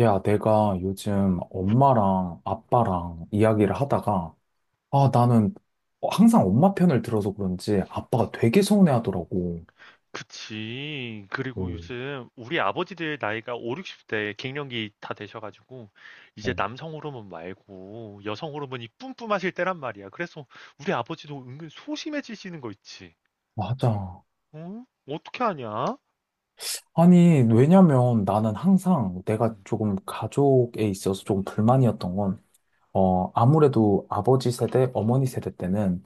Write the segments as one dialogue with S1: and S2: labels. S1: 야, 내가 요즘 엄마랑 아빠랑 이야기를 하다가, 아, 나는 항상 엄마 편을 들어서 그런지 아빠가 되게 서운해하더라고.
S2: 그치. 그리고
S1: 음.
S2: 요즘 우리 아버지들 나이가 5, 60대 갱년기 다 되셔가지고 이제
S1: 어.
S2: 남성 호르몬 말고 여성 호르몬이 뿜뿜하실 때란 말이야. 그래서 우리 아버지도 은근 소심해지시는 거 있지.
S1: 맞아.
S2: 어? 어떻게 하냐?
S1: 아니, 왜냐면 나는 항상 내가
S2: 음,
S1: 조금 가족에 있어서 조금 불만이었던 건, 아무래도 아버지 세대, 어머니 세대 때는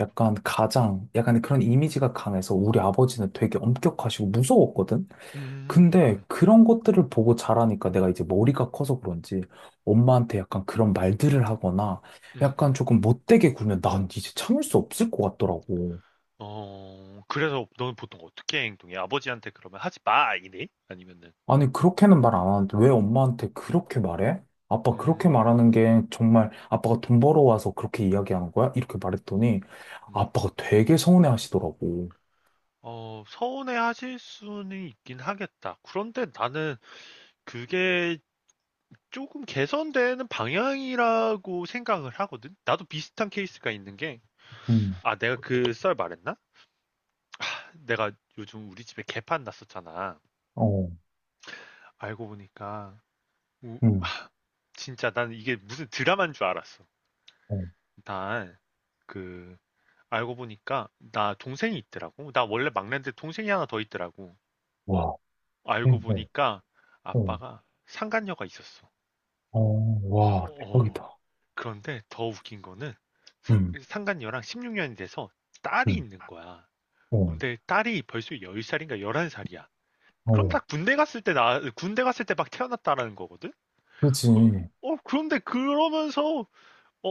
S1: 약간 가장, 약간 그런 이미지가 강해서 우리 아버지는 되게 엄격하시고 무서웠거든?
S2: 음,
S1: 근데
S2: 음,
S1: 그런 것들을 보고 자라니까 내가 이제 머리가 커서 그런지 엄마한테 약간 그런 말들을 하거나 약간
S2: 음.
S1: 조금 못되게 굴면 난 이제 참을 수 없을 것 같더라고.
S2: 어, 그래서 너는 보통 어떻게 행동해? 아버지한테 그러면 하지 마! 이래? 아니면은,
S1: 아니, 그렇게는 말 안 하는데 왜 엄마한테 그렇게 말해? 아빠 그렇게
S2: 음,
S1: 말하는 게 정말 아빠가 돈 벌어와서 그렇게 이야기하는 거야? 이렇게 말했더니
S2: 음.
S1: 아빠가 되게 서운해 하시더라고.
S2: 어, 서운해 하실 수는 있긴 하겠다. 그런데 나는 그게 조금 개선되는 방향이라고 생각을 하거든. 나도 비슷한 케이스가 있는 게,
S1: 음.
S2: 아, 내가 그 썰 말했나? 내가 요즘 우리 집에 개판 났었잖아.
S1: 어.
S2: 알고 보니까, 우-
S1: 음.
S2: 진짜 난 이게 무슨 드라마인 줄 알았어.
S1: 어.
S2: 난, 그, 알고 보니까, 나 동생이 있더라고. 나 원래 막내인데 동생이 하나 더 있더라고.
S1: 와.
S2: 알고
S1: 음. 어.
S2: 보니까,
S1: 어.
S2: 아빠가 상간녀가 있었어.
S1: 어. 와,
S2: 어,
S1: 대박이다.
S2: 그런데 더 웃긴 거는,
S1: 음.
S2: 상간녀랑 16년이 돼서 딸이
S1: 음.
S2: 있는 거야.
S1: 어.
S2: 근데 딸이 벌써 열 살인가 열한 살이야. 그럼
S1: 어.
S2: 다 군대 갔을 때 나, 군대 갔을 때 막 태어났다라는 거거든?
S1: 그렇지.
S2: 그, 어, 그런데 그러면서, 어,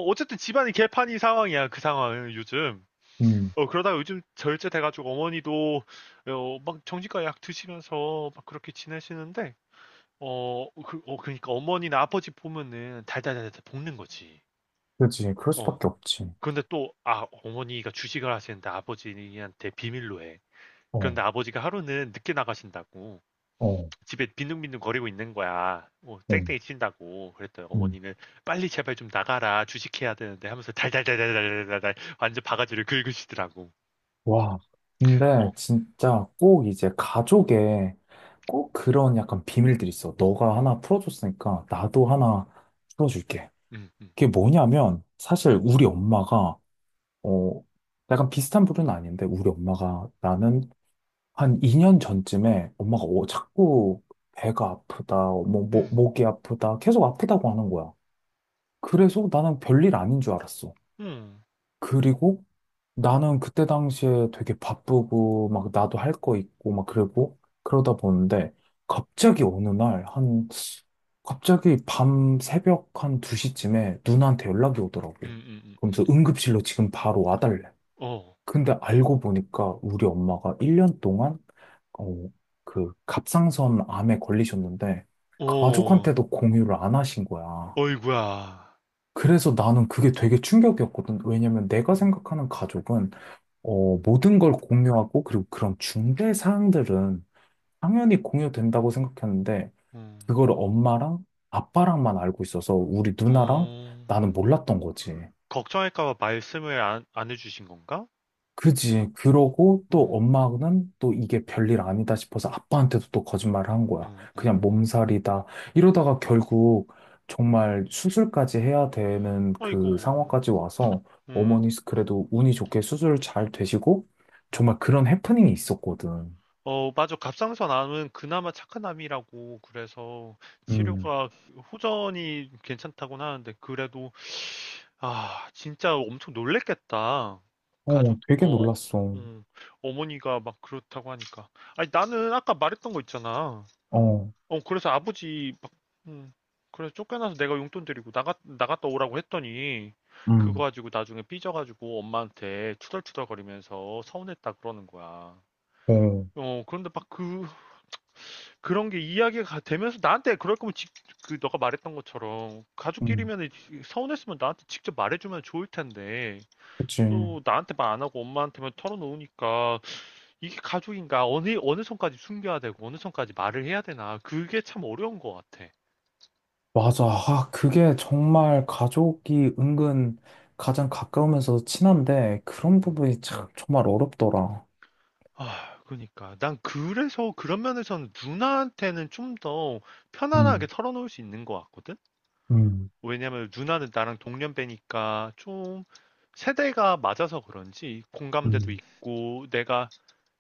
S2: 어쨌든 집안이 개판이 상황이야, 그 상황은 요즘.
S1: 음.
S2: 어, 그러다가 요즘 절제돼가지고 어머니도, 어, 막 정신과 약 드시면서 막 그렇게 지내시는데, 어, 그, 어, 그러니까 어머니나 아버지 보면은 달달달달 볶는 거지.
S1: 그렇지. 그럴
S2: 어.
S1: 수밖에 없지.
S2: 그런데 또, 아, 어머니가 주식을 하시는데 아버지한테 비밀로 해.
S1: 어.
S2: 그런데 아버지가 하루는 늦게 나가신다고.
S1: 어.
S2: 집에 빈둥빈둥 거리고 있는 거야. 뭐
S1: 어.
S2: 땡땡이 친다고. 그랬더니
S1: 음.
S2: 어머니는 빨리 제발 좀 나가라. 주식해야 되는데 하면서 달달달달달달달 완전 바가지를 긁으시더라고.
S1: 와.
S2: 어.
S1: 근데 진짜 꼭 이제
S2: 음,
S1: 가족에 꼭 그런 약간 비밀들이 있어. 너가 하나 풀어줬으니까 나도
S2: 음,
S1: 하나 풀어줄게.
S2: 음, 음,
S1: 그게 뭐냐면 사실 우리 엄마가 어, 약간 비슷한 부류는 아닌데 우리 엄마가 나는 한 2년 전쯤에 엄마가 자꾸 배가 아프다, 뭐, 목
S2: 음,
S1: 목이 아프다, 계속 아프다고 하는 거야. 그래서 나는 별일 아닌 줄 알았어.
S2: 음, 음,
S1: 그리고 나는 그때 당시에 되게 바쁘고 막 나도 할 거 있고 막 그러고 그러다 보는데 갑자기 어느 날 한 갑자기 밤 새벽 한 2시쯤에 누나한테 연락이 오더라고.
S2: 음, 음, 음,
S1: 그러면서
S2: 음.
S1: 응급실로 지금 바로 와달래.
S2: 어.
S1: 근데 알고 보니까 우리 엄마가 1년 동안 어, 그 갑상선 암에 걸리셨는데
S2: 어.
S1: 가족한테도 공유를 안 하신 거야.
S2: 어이구야.
S1: 그래서 나는 그게 되게 충격이었거든. 왜냐면 내가
S2: 어.
S1: 생각하는 가족은 모든 걸 공유하고, 그리고 그런 중대 사항들은 당연히 공유된다고 생각했는데,
S2: 어.
S1: 그거를 엄마랑 아빠랑만 알고 있어서 우리 누나랑
S2: 어.
S1: 나는 몰랐던 거지.
S2: 걱정할까 봐 말씀을 안 해주신 건가?
S1: 그지. 그러고 또
S2: 응,
S1: 엄마는 또 이게 별일 아니다 싶어서 아빠한테도 또 거짓말을 한 거야.
S2: 응, 응.
S1: 그냥 몸살이다. 이러다가 결국 정말 수술까지 해야 되는
S2: 어
S1: 그
S2: 아이고.
S1: 상황까지 와서
S2: 음.
S1: 어머니 그래도 운이 좋게 수술 잘 되시고 정말 그런 해프닝이 있었거든.
S2: 어, 맞아. 갑상선 암은 그나마 착한 암이라고 그래서
S1: 음.
S2: 치료가 호전이 괜찮다고는 하는데 그래도 아, 진짜 엄청 놀랬겠다.
S1: 어,
S2: 가족
S1: 되게
S2: 어,
S1: 놀랐어.
S2: 음, 어머니가 막 그렇다고 하니까. 아니, 나는 아까 말했던 거 있잖아.
S1: 어.
S2: 어, 그래서 아버지 막 음, 그래서 쫓겨나서 내가 용돈 드리고 나갔다 오라고 했더니 그거
S1: 음.
S2: 가지고 나중에 삐져가지고 엄마한테 투덜투덜거리면서 서운했다 그러는 거야.
S1: 어.
S2: 어, 그런데 막 그, 그런 게 이야기가 되면서 나한테 그럴 거면 직, 그 너가 말했던 것처럼
S1: 음.
S2: 가족끼리면 서운했으면 나한테 직접 말해주면 좋을 텐데
S1: 그치.
S2: 또 나한테 말 안 하고 엄마한테만 털어놓으니까 이게 가족인가 어느 선까지 숨겨야 되고 어느 선까지 말을 해야 되나 그게 참 어려운 것 같아.
S1: 맞아. 아, 그게 정말 가족이 은근 가장 가까우면서 친한데 그런
S2: 음.
S1: 부분이 참 정말 어렵더라.
S2: 아, 그러니까 난 그래서 그런 면에서는 누나한테는 좀 더 편안하게
S1: 음.
S2: 털어놓을 수 있는 것 같거든.
S1: 음.
S2: 왜냐면 누나는 나랑 동년배니까 좀 세대가 맞아서 그런지 공감대도
S1: 음.
S2: 있고 내가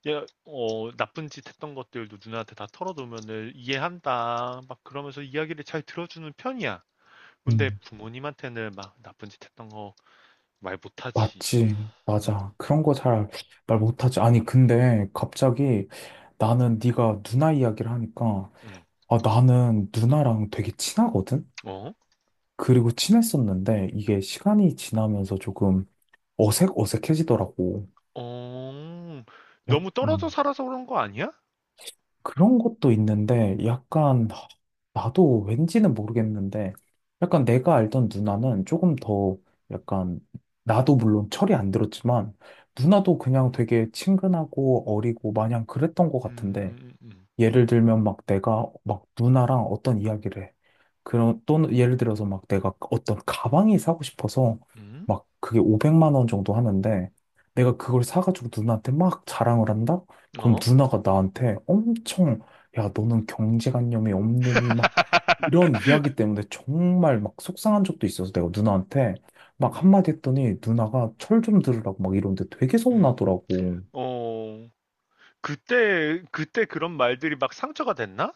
S2: 얘, 어, 나쁜 짓 했던 것들도 누나한테 다 털어놓으면은 이해한다 막 그러면서 이야기를 잘 들어주는 편이야. 근데
S1: 음.
S2: 부모님한테는 막 나쁜 짓 했던 거 말 못하지.
S1: 맞지.
S2: 음,
S1: 맞아. 그런 거 잘 말 못하지. 아니,
S2: 음,
S1: 근데 갑자기 나는 네가 누나 이야기를 하니까
S2: 음.
S1: 아, 나는 누나랑 되게 친하거든?
S2: 어?
S1: 그리고 친했었는데 이게 시간이 지나면서 조금 어색해지더라고.
S2: 어?
S1: 약,
S2: 너무 떨어져
S1: 음,
S2: 살아서 그런 거 아니야?
S1: 그런 것도 있는데,
S2: 음,
S1: 약간, 나도 왠지는 모르겠는데, 약간 내가 알던 누나는 조금 더, 약간, 나도 물론 철이 안 들었지만, 누나도 그냥 되게 친근하고 어리고 마냥 그랬던 것
S2: 음,
S1: 같은데,
S2: 음,
S1: 예를 들면 막 내가 막 누나랑 어떤 이야기를 해. 그런 또 예를 들어서 막 내가 어떤 가방이 사고 싶어서
S2: 음,
S1: 막 그게 500만 원 정도 하는데 내가 그걸 사가지고 누나한테 막 자랑을 한다?
S2: 음?
S1: 그럼
S2: 어?
S1: 누나가 나한테 엄청 야 너는 경제관념이 없느니 막 이런 이야기 때문에 정말 막 속상한 적도 있어서 내가 누나한테 막
S2: 음,
S1: 한마디 했더니 누나가 철 좀 들으라고 막 이러는데 되게
S2: 음.
S1: 서운하더라고.
S2: 어, 그때 그때 그런 말들이 막 상처가 됐나?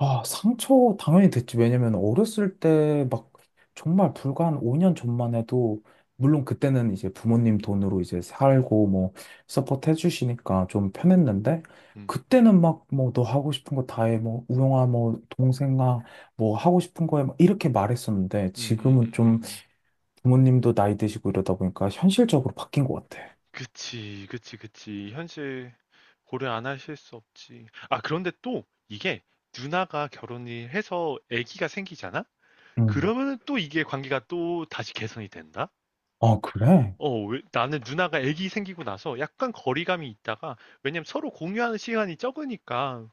S1: 아, 상처 당연히 됐지. 왜냐면 어렸을 때 막 정말 불과 한 5년 전만 해도 물론 그때는 이제 부모님 돈으로 이제
S2: 음,
S1: 살고 뭐 서포트 해주시니까 좀 편했는데
S2: 음,
S1: 그때는 막 뭐 너 하고 싶은 거 다 해. 뭐 우영아 뭐 동생아 뭐 하고 싶은 거에 이렇게 말했었는데 지금은 좀
S2: 음.
S1: 부모님도 나이 드시고 이러다 보니까 현실적으로 바뀐 것 같아.
S2: 그치, 그치, 그치. 현실 고려 안 하실 수 없지. 아, 그런데 또 이게 누나가 결혼을 해서 아기가 생기잖아?
S1: 음.
S2: 그러면은 또 이게 관계가 또 다시 개선이 된다?
S1: 아, 그래?
S2: 어, 나는 누나가 아기 생기고 나서 약간 거리감이 있다가, 왜냐면 서로 공유하는 시간이 적으니까,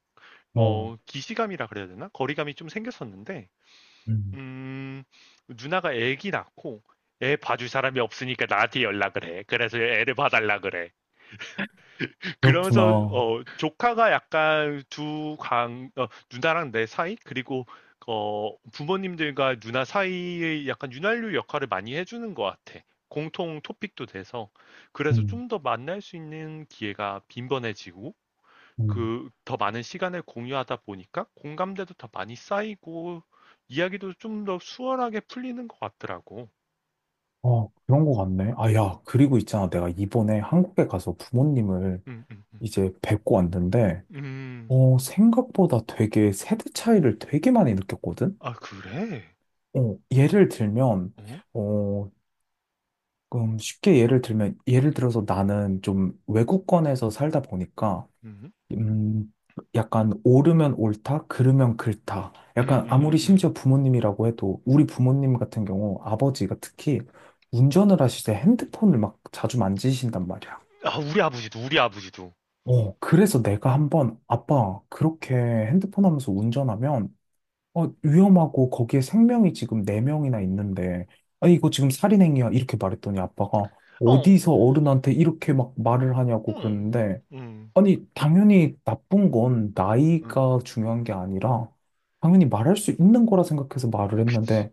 S1: 어.
S2: 어, 기시감이라 그래야 되나? 거리감이 좀 생겼었는데,
S1: 음.
S2: 음, 누나가 애기 낳고 애 봐줄 사람이 없으니까 나한테 연락을 해. 그래서 애를 봐달라 그래. 그러면서
S1: 그렇구나.
S2: 어, 조카가 약간 두 강, 어, 누나랑 내 사이 그리고 어, 부모님들과 누나 사이의 약간 윤활유 역할을 많이 해주는 것 같아. 공통 토픽도 돼서 그래서
S1: 음.
S2: 좀 더 만날 수 있는 기회가 빈번해지고
S1: 음.
S2: 그 더 많은 시간을 공유하다 보니까 공감대도 더 많이 쌓이고 이야기도 좀 더 수월하게 풀리는 것 같더라고.
S1: 아, 그런 거 같네. 아,
S2: 음.
S1: 야, 그리고 있잖아. 내가 이번에 한국에 가서 부모님을
S2: 음, 음, 음.
S1: 이제 뵙고 왔는데,
S2: 음.
S1: 생각보다 되게 세대 차이를 되게 많이 느꼈거든?
S2: 아, 그래?
S1: 어, 예를 들면,
S2: 어?
S1: 어, 쉽게 예를 들면, 예를 들어서 나는 좀 외국권에서 살다 보니까,
S2: 음.
S1: 음, 약간 오르면 옳다, 그르면 그르다. 약간 아무리
S2: 음음음음.
S1: 심지어 부모님이라고 해도 우리 부모님 같은 경우 아버지가 특히 운전을 하실 때 핸드폰을 막 자주 만지신단 말이야.
S2: 아, 우리 아버지도 우리 아버지도.
S1: 어, 그래서 내가 한번 아빠 그렇게 핸드폰 하면서 운전하면 위험하고 거기에 생명이 지금 네명이나 있는데 아 이거 지금 살인행위야 이렇게 말했더니 아빠가
S2: 어.
S1: 어디서 어른한테 이렇게 막 말을 하냐고
S2: 응.
S1: 그랬는데
S2: 응.
S1: 아니, 당연히 나쁜 건
S2: 응.
S1: 나이가 중요한 게 아니라, 당연히 말할 수 있는 거라 생각해서 말을
S2: 그치.
S1: 했는데,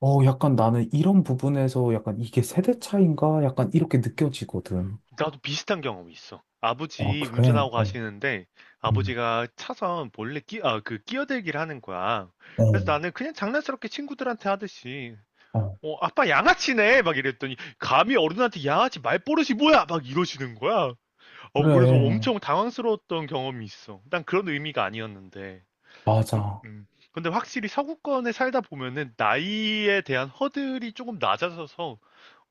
S1: 약간 나는 이런 부분에서 약간 이게 세대 차인가? 약간 이렇게
S2: 응.
S1: 느껴지거든.
S2: 나도 비슷한 경험이 있어.
S1: 어,
S2: 아버지
S1: 그래.
S2: 운전하고
S1: 어.
S2: 가시는데
S1: 음.
S2: 아버지가 차선 몰래 아, 그 끼어들기를 하는 거야. 그래서
S1: 어.
S2: 나는 그냥 장난스럽게 친구들한테 하듯이
S1: 어,
S2: 어, 아빠 양아치네! 막 이랬더니, 감히 어른한테 양아치 말버릇이 뭐야! 막 이러시는 거야. 어, 그래서
S1: 그래.
S2: 엄청 당황스러웠던 경험이 있어. 난 그런 의미가 아니었는데. 음,
S1: 맞아.
S2: 음. 근데 확실히 서구권에 살다 보면은 나이에 대한 허들이 조금 낮아져서,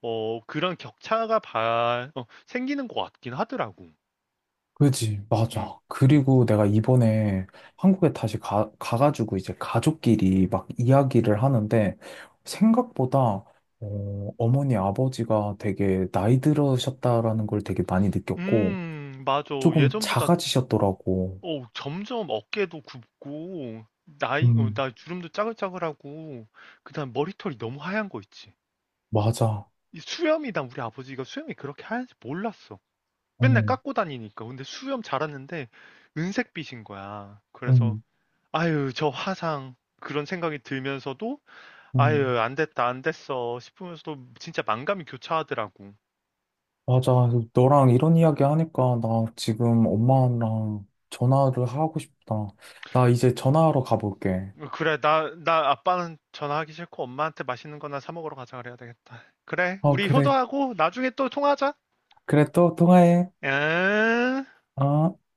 S2: 어, 그런 격차가 어, 생기는 것 같긴 하더라고.
S1: 그지,
S2: 음,
S1: 맞아.
S2: 음.
S1: 그리고 내가 이번에 한국에 다시 가가지고 이제 가족끼리 막 이야기를 하는데 생각보다 어머니, 아버지가 되게 나이 들으셨다라는 걸 되게 많이 느꼈고
S2: 맞아.
S1: 조금
S2: 예전보다
S1: 작아지셨더라고.
S2: 어, 점점 어깨도 굽고, 나이, 어,
S1: 음.
S2: 나 주름도 짜글짜글하고, 그다음 머리털이 너무 하얀 거 있지.
S1: 맞아.
S2: 이 수염이, 난 우리 아버지가 수염이 그렇게 하얀지 몰랐어. 맨날
S1: 음.
S2: 깎고 다니니까. 근데 수염 자랐는데, 은색빛인 거야. 그래서,
S1: 음.
S2: 아유, 저 화상. 그런 생각이 들면서도,
S1: 음.
S2: 아유, 안 됐다, 안 됐어. 싶으면서도 진짜 만감이 교차하더라고.
S1: 맞아. 너랑 이런
S2: 음.
S1: 이야기 하니까 나 지금 엄마랑 전화를 하고 싶다. 나 이제 전화하러 가볼게.
S2: 어, 그래, 나, 나 아빠는 전화하기 싫고 엄마한테 맛있는 거나 사 먹으러 가자 그래야 되겠다. 그래,
S1: 어,
S2: 우리
S1: 그래.
S2: 효도하고 나중에 또 통화하자.
S1: 그래, 또 통화해.
S2: 응.
S1: 아,